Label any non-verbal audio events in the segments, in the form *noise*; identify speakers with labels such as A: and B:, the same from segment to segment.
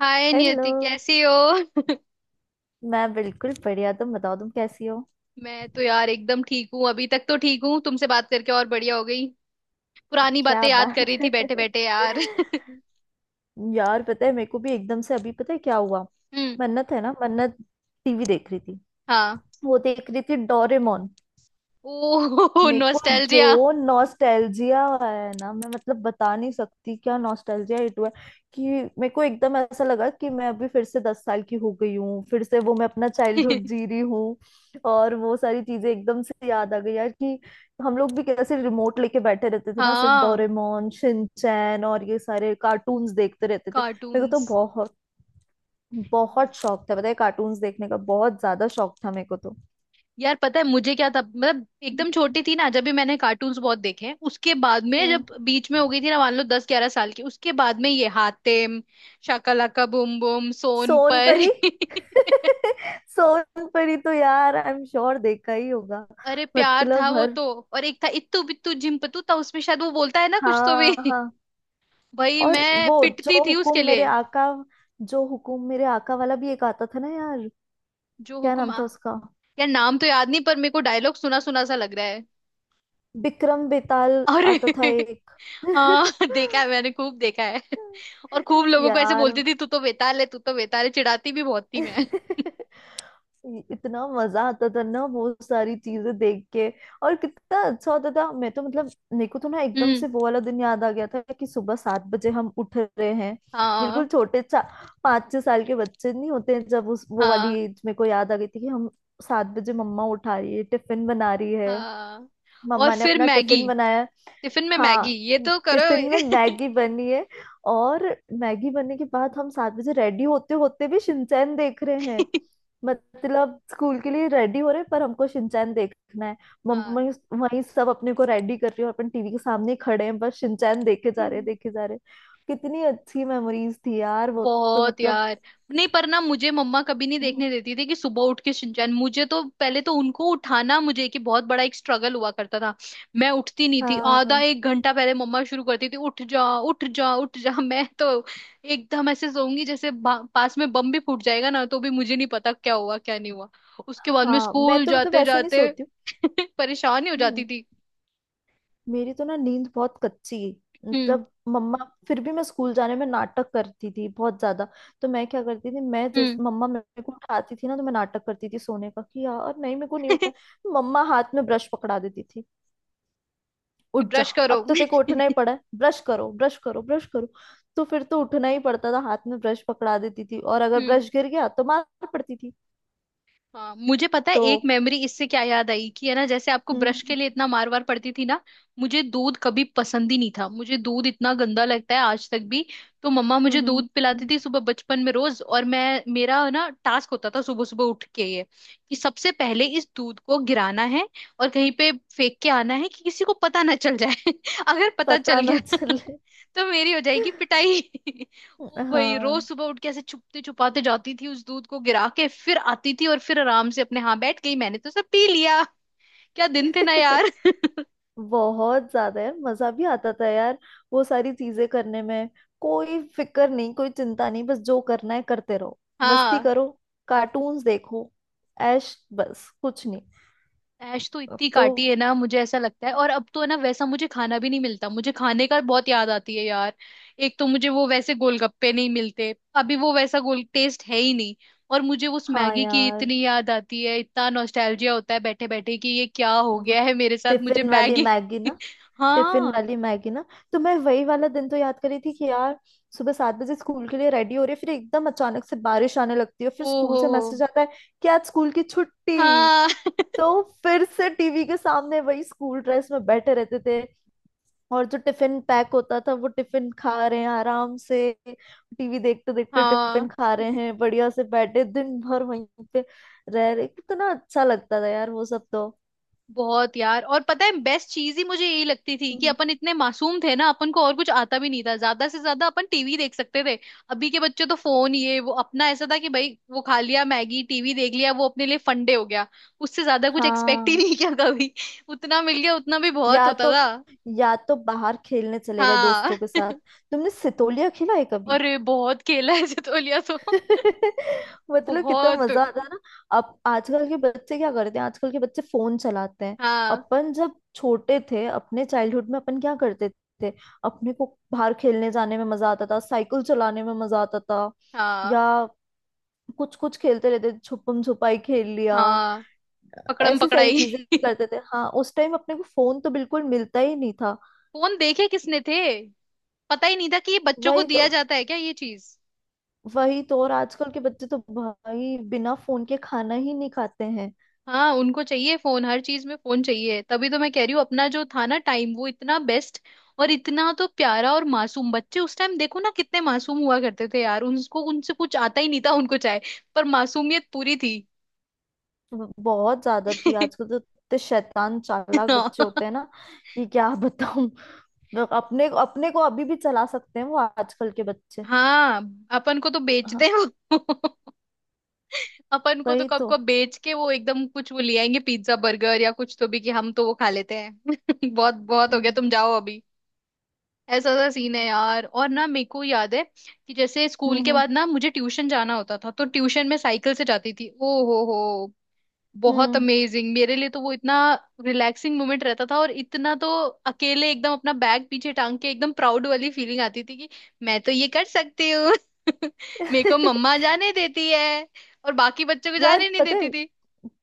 A: हाय
B: hello.
A: Niyati, कैसी हो।
B: मैं बिल्कुल बढ़िया। तुम बताओ, तुम कैसी हो?
A: मैं तो यार एकदम ठीक हूँ, अभी तक तो ठीक हूँ। तुमसे बात करके और बढ़िया हो गई। पुरानी
B: क्या
A: बातें याद कर
B: बात
A: रही थी बैठे
B: है।
A: बैठे यार। *laughs*
B: *laughs* यार, पता है मेरे को भी एकदम से अभी, पता है क्या हुआ?
A: हम्म।
B: मन्नत है ना, मन्नत। टीवी देख रही थी।
A: हाँ।
B: वो देख रही थी डोरेमोन।
A: ओह
B: मेरे को
A: नॉस्टैल्जिया।
B: जो नॉस्टैल्जिया है ना, मैं मतलब बता नहीं सकती क्या नॉस्टैल्जिया हिट हुआ है कि मेरे को एकदम ऐसा लगा कि मैं अभी फिर से 10 साल की हो गई हूँ। फिर से वो मैं अपना चाइल्डहुड
A: *laughs*
B: जी रही हूँ। और वो सारी चीजें एकदम से याद आ गई यार कि हम लोग भी कैसे रिमोट लेके बैठे रहते थे ना, सिर्फ
A: हाँ,
B: डोरेमोन, शिनचैन और ये सारे कार्टून्स देखते रहते थे। मेरे को तो
A: कार्टून्स।
B: बहुत बहुत शौक था, पता है। कार्टून्स देखने का बहुत ज्यादा शौक था मेरे को तो।
A: यार पता है मुझे क्या था, मतलब एकदम छोटी थी ना जब भी मैंने कार्टून्स बहुत देखे हैं। उसके बाद में जब
B: हम्म।
A: बीच में हो गई थी ना, मान लो 10-11 साल की, उसके बाद में ये हातिम, शाका लाका बूम बूम, सोन पर।
B: सोनपरी। *laughs*
A: *laughs*
B: सोनपरी तो यार आई एम श्योर देखा ही होगा।
A: अरे प्यार था
B: मतलब
A: वो
B: हर...
A: तो। और एक था इत्तू बित्तू झिम्पतू, था उसमें शायद वो बोलता है ना कुछ तो भी।
B: हाँ
A: *laughs*
B: हाँ।
A: भाई
B: और
A: मैं
B: वो
A: पिटती
B: जो
A: थी उसके
B: हुकुम मेरे
A: लिए।
B: आका, जो हुकुम मेरे आका वाला भी एक आता था ना यार।
A: जो
B: क्या
A: हुक्म
B: नाम
A: आ।
B: था उसका?
A: यार नाम तो याद नहीं, पर मेरे को डायलॉग सुना सुना सा लग रहा है।
B: बिक्रम बेताल।
A: अरे।
B: आता था
A: *laughs*
B: एक।
A: हाँ, देखा है मैंने खूब देखा है। *laughs* और खूब
B: *laughs*
A: लोगों को ऐसे
B: यार।
A: बोलती थी, तू तो बेताल है, तू तो बेताल है। चिढ़ाती भी बहुत थी मैं।
B: *laughs* इतना मजा आता था ना वो सारी चीजें देख के। और कितना अच्छा होता था। मैं तो मतलब मेरे को तो ना एकदम
A: हम्म।
B: से वो वाला दिन याद आ गया था कि सुबह 7 बजे हम उठ रहे हैं।
A: हाँ,
B: बिल्कुल छोटे चा 5-6 साल के बच्चे नहीं होते हैं जब, उस वो वाली
A: हाँ,
B: एज मेरे को याद आ गई थी कि हम 7 बजे मम्मा उठा रही है, टिफिन बना रही है।
A: हाँ। और
B: मम्मा ने
A: फिर
B: अपना
A: मैगी,
B: टिफिन बनाया।
A: टिफिन में मैगी
B: हाँ,
A: ये तो करो।
B: टिफिन में मैगी बनी है। और मैगी बनने के बाद हम 7 बजे रेडी होते होते भी शिनचैन देख रहे हैं।
A: *laughs*
B: मतलब स्कूल के लिए रेडी हो रहे हैं, पर हमको शिनचैन देखना है। मम्मा
A: हाँ।
B: वहीं सब अपने को रेडी कर रही है, और अपन टीवी के सामने ही खड़े हैं, बस शिनचैन देखे जा रहे हैं,
A: हम्म।
B: देखे जा रहे हैं। कितनी अच्छी मेमोरीज थी यार वो। तो
A: बहुत
B: मतलब...
A: यार। नहीं पर ना, मुझे मम्मा कभी नहीं
B: हम्म।
A: देखने देती थी कि सुबह उठ के शिनचैन। मुझे तो पहले तो उनको उठाना, मुझे कि बहुत बड़ा एक स्ट्रगल हुआ करता था। मैं उठती नहीं थी। आधा
B: हाँ
A: एक घंटा पहले मम्मा शुरू करती थी, उठ जा उठ जा उठ जा। *laughs* मैं तो एकदम ऐसे सोऊंगी जैसे पास में बम भी फूट जाएगा ना, तो भी मुझे नहीं पता क्या हुआ क्या नहीं हुआ। उसके बाद में
B: हाँ। मैं
A: स्कूल
B: तो मतलब
A: जाते
B: ऐसे नहीं
A: जाते।
B: सोती हूँ।
A: *laughs* परेशान ही हो जाती
B: हम्म।
A: थी।
B: मेरी तो ना नींद बहुत कच्ची।
A: हम्म।
B: मतलब मम्मा... फिर भी मैं स्कूल जाने में नाटक करती थी बहुत ज्यादा। तो मैं क्या करती थी, मैं जैस...
A: हम्म।
B: मम्मा मेरे को उठाती थी ना तो मैं नाटक करती थी सोने का कि यार नहीं, मेरे को नहीं
A: *laughs*
B: उठना है। मम्मा हाथ में ब्रश पकड़ा देती थी।
A: कि
B: उठ जा,
A: ब्रश करो।
B: अब तो तेरे को उठना ही
A: *laughs*
B: पड़ा है। ब्रश करो, ब्रश करो, ब्रश करो। तो फिर तो उठना ही पड़ता था। हाथ में ब्रश पकड़ा देती थी, और अगर
A: हम्म।
B: ब्रश गिर गया तो मार पड़ती थी
A: हाँ मुझे पता है, एक
B: तो।
A: मेमोरी इससे क्या याद आई कि है ना, जैसे आपको
B: हम्म,
A: ब्रश के
B: हम्म।
A: लिए इतना मार वार पड़ती थी ना। मुझे दूध कभी पसंद ही नहीं था, मुझे दूध इतना गंदा लगता है आज तक भी। तो मम्मा
B: हम्म,
A: मुझे
B: हम्म,
A: दूध पिलाती
B: हम्म।
A: थी सुबह बचपन में रोज, और मैं, मेरा ना टास्क होता था सुबह सुबह उठ के ये, कि सबसे पहले इस दूध को गिराना है और कहीं पे फेंक के आना है कि किसी को पता ना चल जाए। *laughs* अगर पता चल
B: पता
A: गया
B: ना
A: *laughs*
B: चले।
A: तो मेरी हो जाएगी पिटाई। *laughs* ओ भाई, रोज
B: हाँ।
A: सुबह उठ के ऐसे छुपते छुपाते जाती थी, उस दूध को गिरा के फिर आती थी और फिर आराम से अपने, हाँ बैठ गई, मैंने तो सब पी लिया। क्या दिन थे ना यार।
B: *laughs*
A: *laughs*
B: बहुत ज्यादा यार मजा भी आता था यार वो सारी चीजें करने में। कोई फिक्र नहीं, कोई चिंता नहीं, बस जो करना है करते रहो। मस्ती
A: हाँ।
B: करो, कार्टून्स देखो, ऐश, बस कुछ नहीं।
A: ऐश तो
B: अब
A: इतनी
B: तो...
A: काटी है ना, मुझे ऐसा लगता है। और अब तो है ना वैसा, मुझे खाना भी नहीं मिलता, मुझे खाने का बहुत याद आती है यार। एक तो मुझे वो वैसे गोलगप्पे नहीं मिलते अभी, वो वैसा गोल टेस्ट है ही नहीं। और मुझे उस
B: हाँ
A: मैगी की
B: यार।
A: इतनी याद आती है, इतना नॉस्टैल्जिया होता है बैठे बैठे कि ये क्या हो
B: वो
A: गया है मेरे साथ। मुझे
B: टिफिन वाली
A: मैगी।
B: मैगी
A: *laughs*
B: ना, टिफिन
A: हाँ।
B: वाली मैगी ना। तो मैं वही वाला दिन तो याद करी थी कि यार सुबह 7 बजे स्कूल के लिए रेडी हो रही, फिर एकदम अचानक से बारिश आने लगती है, फिर स्कूल
A: ओहो।
B: से मैसेज आता है कि आज स्कूल की छुट्टी।
A: हाँ।
B: तो फिर से टीवी के सामने वही स्कूल ड्रेस में बैठे रहते थे, और जो टिफिन पैक होता था वो टिफिन खा रहे हैं आराम से। टीवी देखते देखते
A: हाँ।
B: टिफिन खा रहे हैं, बढ़िया से बैठे दिन भर वहीं पे रह रहे। कितना अच्छा लगता था यार वो सब तो।
A: बहुत यार। और पता है बेस्ट चीज ही मुझे यही लगती थी कि
B: हम्म।
A: अपन इतने मासूम थे ना, अपन को और कुछ आता भी नहीं था, ज्यादा से ज्यादा अपन टीवी देख सकते थे। अभी के बच्चे तो फोन ये वो, अपना ऐसा था कि भाई वो खा लिया मैगी, टीवी देख लिया, वो अपने लिए फंडे हो गया। उससे ज्यादा कुछ एक्सपेक्ट ही
B: हाँ।
A: नहीं किया कभी। *laughs* उतना मिल गया, उतना भी बहुत
B: या
A: होता
B: तो
A: था।
B: या तो बाहर खेलने चले गए
A: हाँ
B: दोस्तों के साथ। तुमने सितोलिया खेला है कभी?
A: और बहुत खेला है सितोलिया तो।
B: *laughs* मतलब कितना
A: बहुत।
B: मजा आता है ना। अब आजकल के बच्चे क्या करते हैं? आजकल के बच्चे फोन चलाते हैं।
A: हाँ,
B: अपन जब छोटे थे, अपने चाइल्डहुड में अपन क्या करते थे? अपने को बाहर खेलने जाने में मजा आता था, साइकिल चलाने में मजा आता था,
A: हाँ,
B: या कुछ कुछ खेलते रहते थे, छुपम छुपाई खेल लिया,
A: हाँ, पकड़म
B: ऐसी सारी
A: पकड़ाई।
B: चीजें
A: *laughs*
B: करते थे। हाँ, उस टाइम अपने को फोन तो बिल्कुल मिलता ही नहीं था।
A: फोन देखे किसने थे। पता ही नहीं था कि ये बच्चों को
B: वही तो,
A: दिया जाता है क्या ये चीज।
B: वही तो। और आजकल के बच्चे तो भाई बिना फोन के खाना ही नहीं खाते हैं।
A: हाँ उनको चाहिए फोन, हर चीज में फोन चाहिए, तभी तो मैं कह रही हूँ अपना जो था ना टाइम वो इतना बेस्ट। और इतना तो प्यारा और मासूम बच्चे उस टाइम, देखो ना कितने मासूम हुआ करते थे यार, उनको उनसे कुछ आता ही नहीं था, उनको चाहे, पर मासूमियत पूरी थी।
B: बहुत ज्यादा थी। आजकल
A: *laughs*
B: तो इतने शैतान, चालाक बच्चे होते हैं ना कि क्या बताऊं, लोग अपने... अपने को अभी भी चला सकते हैं वो आजकल के बच्चे।
A: हाँ अपन को तो बेच दे
B: हाँ।
A: वो। *laughs* अपन को तो
B: वही
A: कब
B: तो।
A: को बेच के, वो एकदम कुछ वो ले आएंगे पिज्जा बर्गर या कुछ तो भी, कि हम तो वो खा लेते हैं। *laughs* बहुत बहुत हो गया,
B: हम्म,
A: तुम जाओ अभी। ऐसा सा सीन है यार, और ना मेरे को याद है कि जैसे स्कूल के
B: हम्म,
A: बाद ना मुझे ट्यूशन जाना होता था, तो ट्यूशन में साइकिल से जाती थी। ओ हो, बहुत
B: हम्म।
A: अमेजिंग मेरे लिए तो वो, इतना रिलैक्सिंग मोमेंट रहता था। और इतना तो अकेले एकदम अपना बैग पीछे टांग के एकदम प्राउड वाली फीलिंग आती थी कि मैं तो ये कर सकती हूँ। *laughs* मेरे को
B: *laughs*
A: मम्मा जाने देती है, और बाकी बच्चों को
B: यार
A: जाने नहीं
B: पता
A: देती
B: है,
A: थी।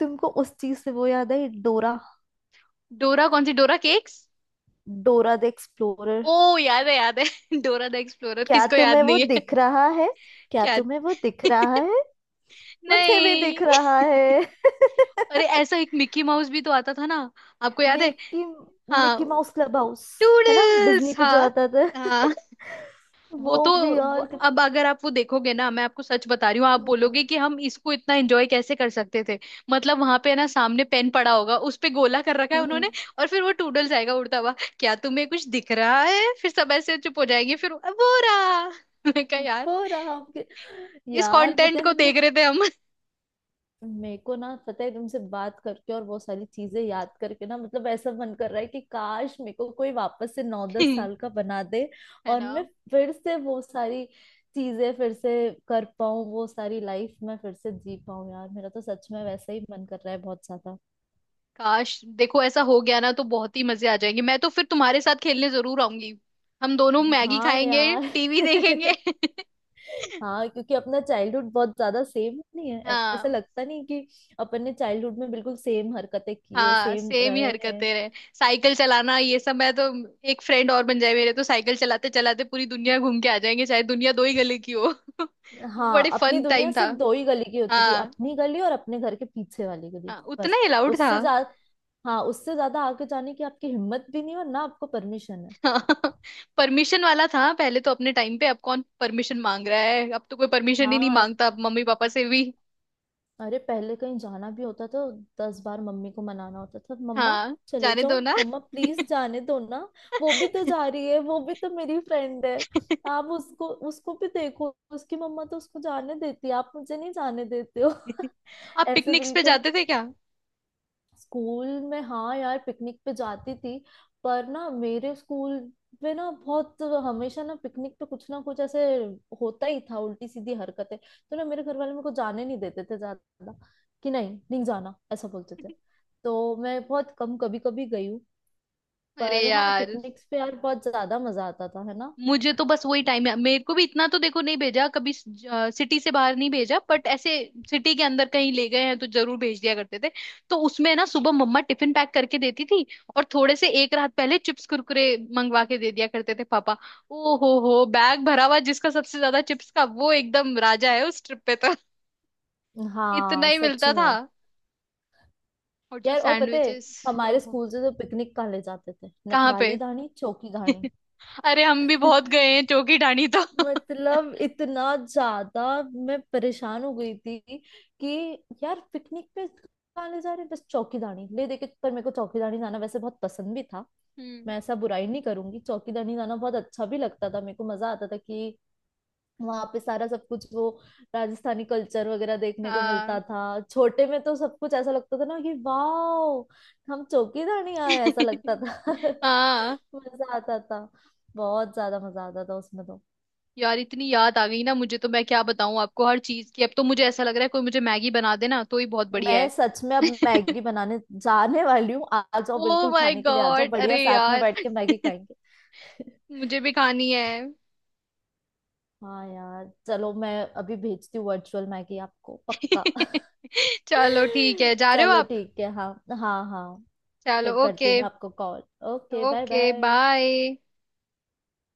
B: तुमको उस चीज से वो याद है, डोरा?
A: डोरा कौन सी, Dora cakes.
B: Dora the explorer.
A: ओ याद है, याद है। *laughs* डोरा द एक्सप्लोरर,
B: क्या
A: किसको याद
B: तुम्हें वो
A: नहीं है। *laughs*
B: दिख रहा है? क्या
A: क्या।
B: तुम्हें वो दिख रहा
A: *laughs*
B: है? मुझे भी
A: नहीं,
B: दिख रहा है।
A: अरे
B: *laughs*
A: ऐसा एक मिक्की माउस भी तो आता था ना। आपको याद है।
B: मिकी मिकी
A: हाँ,
B: माउस क्लब हाउस। है ना,
A: टूडल्स
B: डिज्नी पे जो
A: हाँ।
B: आता था।
A: हाँ
B: वो
A: वो तो,
B: भी,
A: वो,
B: और तो...
A: अब अगर आप वो देखोगे ना, मैं आपको सच बता रही हूँ, आप बोलोगे कि हम इसको इतना एंजॉय कैसे कर सकते थे। मतलब वहां पे ना सामने पेन पड़ा होगा, उस पे गोला कर रखा है
B: कितना
A: उन्होंने। और फिर वो टूडल्स आएगा उड़ता हुआ, क्या तुम्हें कुछ दिख रहा है, फिर सब ऐसे चुप हो जाएंगे, फिर वो रहा। *laughs* मैं कहा यार,
B: हो रहा आपके।
A: इस
B: यार पता
A: कंटेंट
B: है
A: को देख
B: मतलब,
A: रहे थे हम।
B: मेरे को ना पता है, तुमसे बात करके और बहुत सारी चीजें याद करके ना, मतलब ऐसा मन कर रहा है कि काश मेरे को कोई वापस से नौ दस
A: *laughs*
B: साल का बना दे,
A: है
B: और
A: ना।
B: मैं फिर से वो सारी चीजें फिर से कर पाऊं, वो सारी लाइफ मैं फिर से जी पाऊं यार। मेरा तो सच में वैसा ही मन कर रहा है बहुत ज्यादा।
A: काश देखो ऐसा हो गया ना, तो बहुत ही मजे आ जाएंगे। मैं तो फिर तुम्हारे साथ खेलने जरूर आऊंगी। हम दोनों मैगी
B: हाँ
A: खाएंगे,
B: यार।
A: टीवी देखेंगे।
B: *laughs*
A: *laughs*
B: हाँ, क्योंकि अपना चाइल्डहुड बहुत ज्यादा सेम नहीं है। ऐसा
A: हाँ,
B: लगता नहीं कि अपन ने चाइल्डहुड में बिल्कुल सेम हरकतें किए,
A: हाँ
B: सेम
A: सेम ही
B: रहे हैं।
A: हरकतें रहे। साइकिल चलाना ये सब, मैं तो, एक फ्रेंड और बन जाए मेरे, तो साइकिल चलाते चलाते पूरी दुनिया घूम के आ जाएंगे, चाहे दुनिया दो ही गले की हो। *laughs* वो
B: हाँ,
A: बड़े
B: अपनी
A: फन
B: दुनिया
A: टाइम था।
B: सिर्फ दो ही गली की होती थी,
A: हाँ
B: अपनी गली और अपने घर के पीछे वाली गली,
A: हाँ उतना
B: बस।
A: ही अलाउड था।
B: उससे ज्यादा... हाँ, उससे ज्यादा आगे जाने की आपकी हिम्मत भी नहीं, और ना आपको परमिशन है।
A: *laughs* परमिशन वाला था पहले तो अपने टाइम पे, अब कौन परमिशन मांग रहा है, अब तो कोई परमिशन ही नहीं
B: हाँ।
A: मांगता अब मम्मी पापा से भी।
B: अरे पहले कहीं जाना भी होता था, 10 बार मम्मी को मनाना होता था। मम्मा,
A: हाँ
B: चले
A: जाने
B: जाओ
A: दो ना।
B: मम्मा, प्लीज जाने दो ना। वो भी तो जा रही है, वो भी तो मेरी फ्रेंड है। आप उसको... उसको भी देखो, उसकी मम्मा तो उसको जाने देती है, आप मुझे नहीं जाने देते हो।
A: *laughs* आप
B: *laughs* ऐसे
A: पिकनिक्स पे
B: बिल्कुल।
A: जाते थे क्या।
B: स्कूल में हाँ यार, पिकनिक पे जाती थी। पर ना मेरे स्कूल में ना, बहुत हमेशा ना पिकनिक पे कुछ ना कुछ ऐसे होता ही था उल्टी सीधी हरकतें, तो ना मेरे घर वाले मेरे को जाने नहीं देते थे ज्यादा कि नहीं नहीं जाना, ऐसा बोलते थे। तो मैं बहुत कम, कभी कभी गई हूँ।
A: अरे
B: पर हाँ,
A: यार,
B: पिकनिक्स पे यार बहुत ज्यादा मजा आता था है ना।
A: मुझे तो बस वही टाइम है। मेरे को भी इतना तो देखो नहीं भेजा, कभी सिटी से बाहर नहीं भेजा, बट ऐसे सिटी के अंदर कहीं ले गए हैं तो जरूर भेज दिया करते थे। तो उसमें ना सुबह मम्मा टिफिन पैक करके देती थी, और थोड़े से एक रात पहले चिप्स कुरकुरे मंगवा के दे दिया करते थे पापा। ओ हो, बैग भरा हुआ, जिसका सबसे ज्यादा चिप्स का वो एकदम राजा है उस ट्रिप पे तो। *laughs* इतना
B: हाँ
A: ही
B: सच
A: मिलता था।
B: में।
A: और जो
B: यार और पता है,
A: सैंडविचेस।
B: हमारे स्कूल से तो पिकनिक कहाँ ले जाते थे,
A: कहाँ पे।
B: नखराली धानी, चौकी धानी।
A: *laughs* अरे हम भी बहुत गए हैं
B: *laughs*
A: चौकी ढाणी तो। *laughs*
B: मतलब इतना ज्यादा... मैं परेशान हो गई थी कि यार पिकनिक पे कहाँ ले जा रहे हैं, बस चौकीदानी ले देके। पर मेरे को चौकीदानी जाना वैसे बहुत पसंद भी था।
A: हम्म।
B: मैं ऐसा बुराई नहीं करूंगी, चौकीदानी जाना बहुत अच्छा भी लगता था, मेरे को मजा आता था कि वहां पे सारा सब कुछ वो राजस्थानी कल्चर वगैरह देखने को मिलता
A: हाँ।
B: था। छोटे में तो सब कुछ ऐसा लगता था ना कि वाह हम चौकीदानी आए, ऐसा लगता
A: *laughs*
B: था।
A: हाँ
B: *laughs* मजा आता था, बहुत ज्यादा मजा आता था उसमें तो।
A: यार, इतनी याद आ गई ना मुझे, तो मैं क्या बताऊं आपको हर चीज की। अब तो मुझे ऐसा लग रहा है कोई मुझे मैगी बना देना, तो ही बहुत बढ़िया
B: मैं
A: है।
B: सच में अब
A: *laughs*
B: मैगी बनाने जाने वाली हूँ। आ... आ जाओ,
A: ओ
B: बिल्कुल
A: माय
B: खाने के लिए आ जाओ,
A: गॉड,
B: बढ़िया
A: अरे
B: साथ में
A: यार
B: बैठ के मैगी खाएंगे। *laughs*
A: मुझे भी खानी है।
B: हाँ यार, चलो, मैं अभी भेजती हूँ वर्चुअल मैगी आपको पक्का। *laughs*
A: *laughs* चलो ठीक है, जा रहे हो
B: चलो
A: आप।
B: ठीक है, हाँ। हाँ हाँ।
A: चलो
B: फिर करती
A: ओके।
B: हूँ मैं आपको call. Okay, bye
A: okay
B: bye.
A: Bye.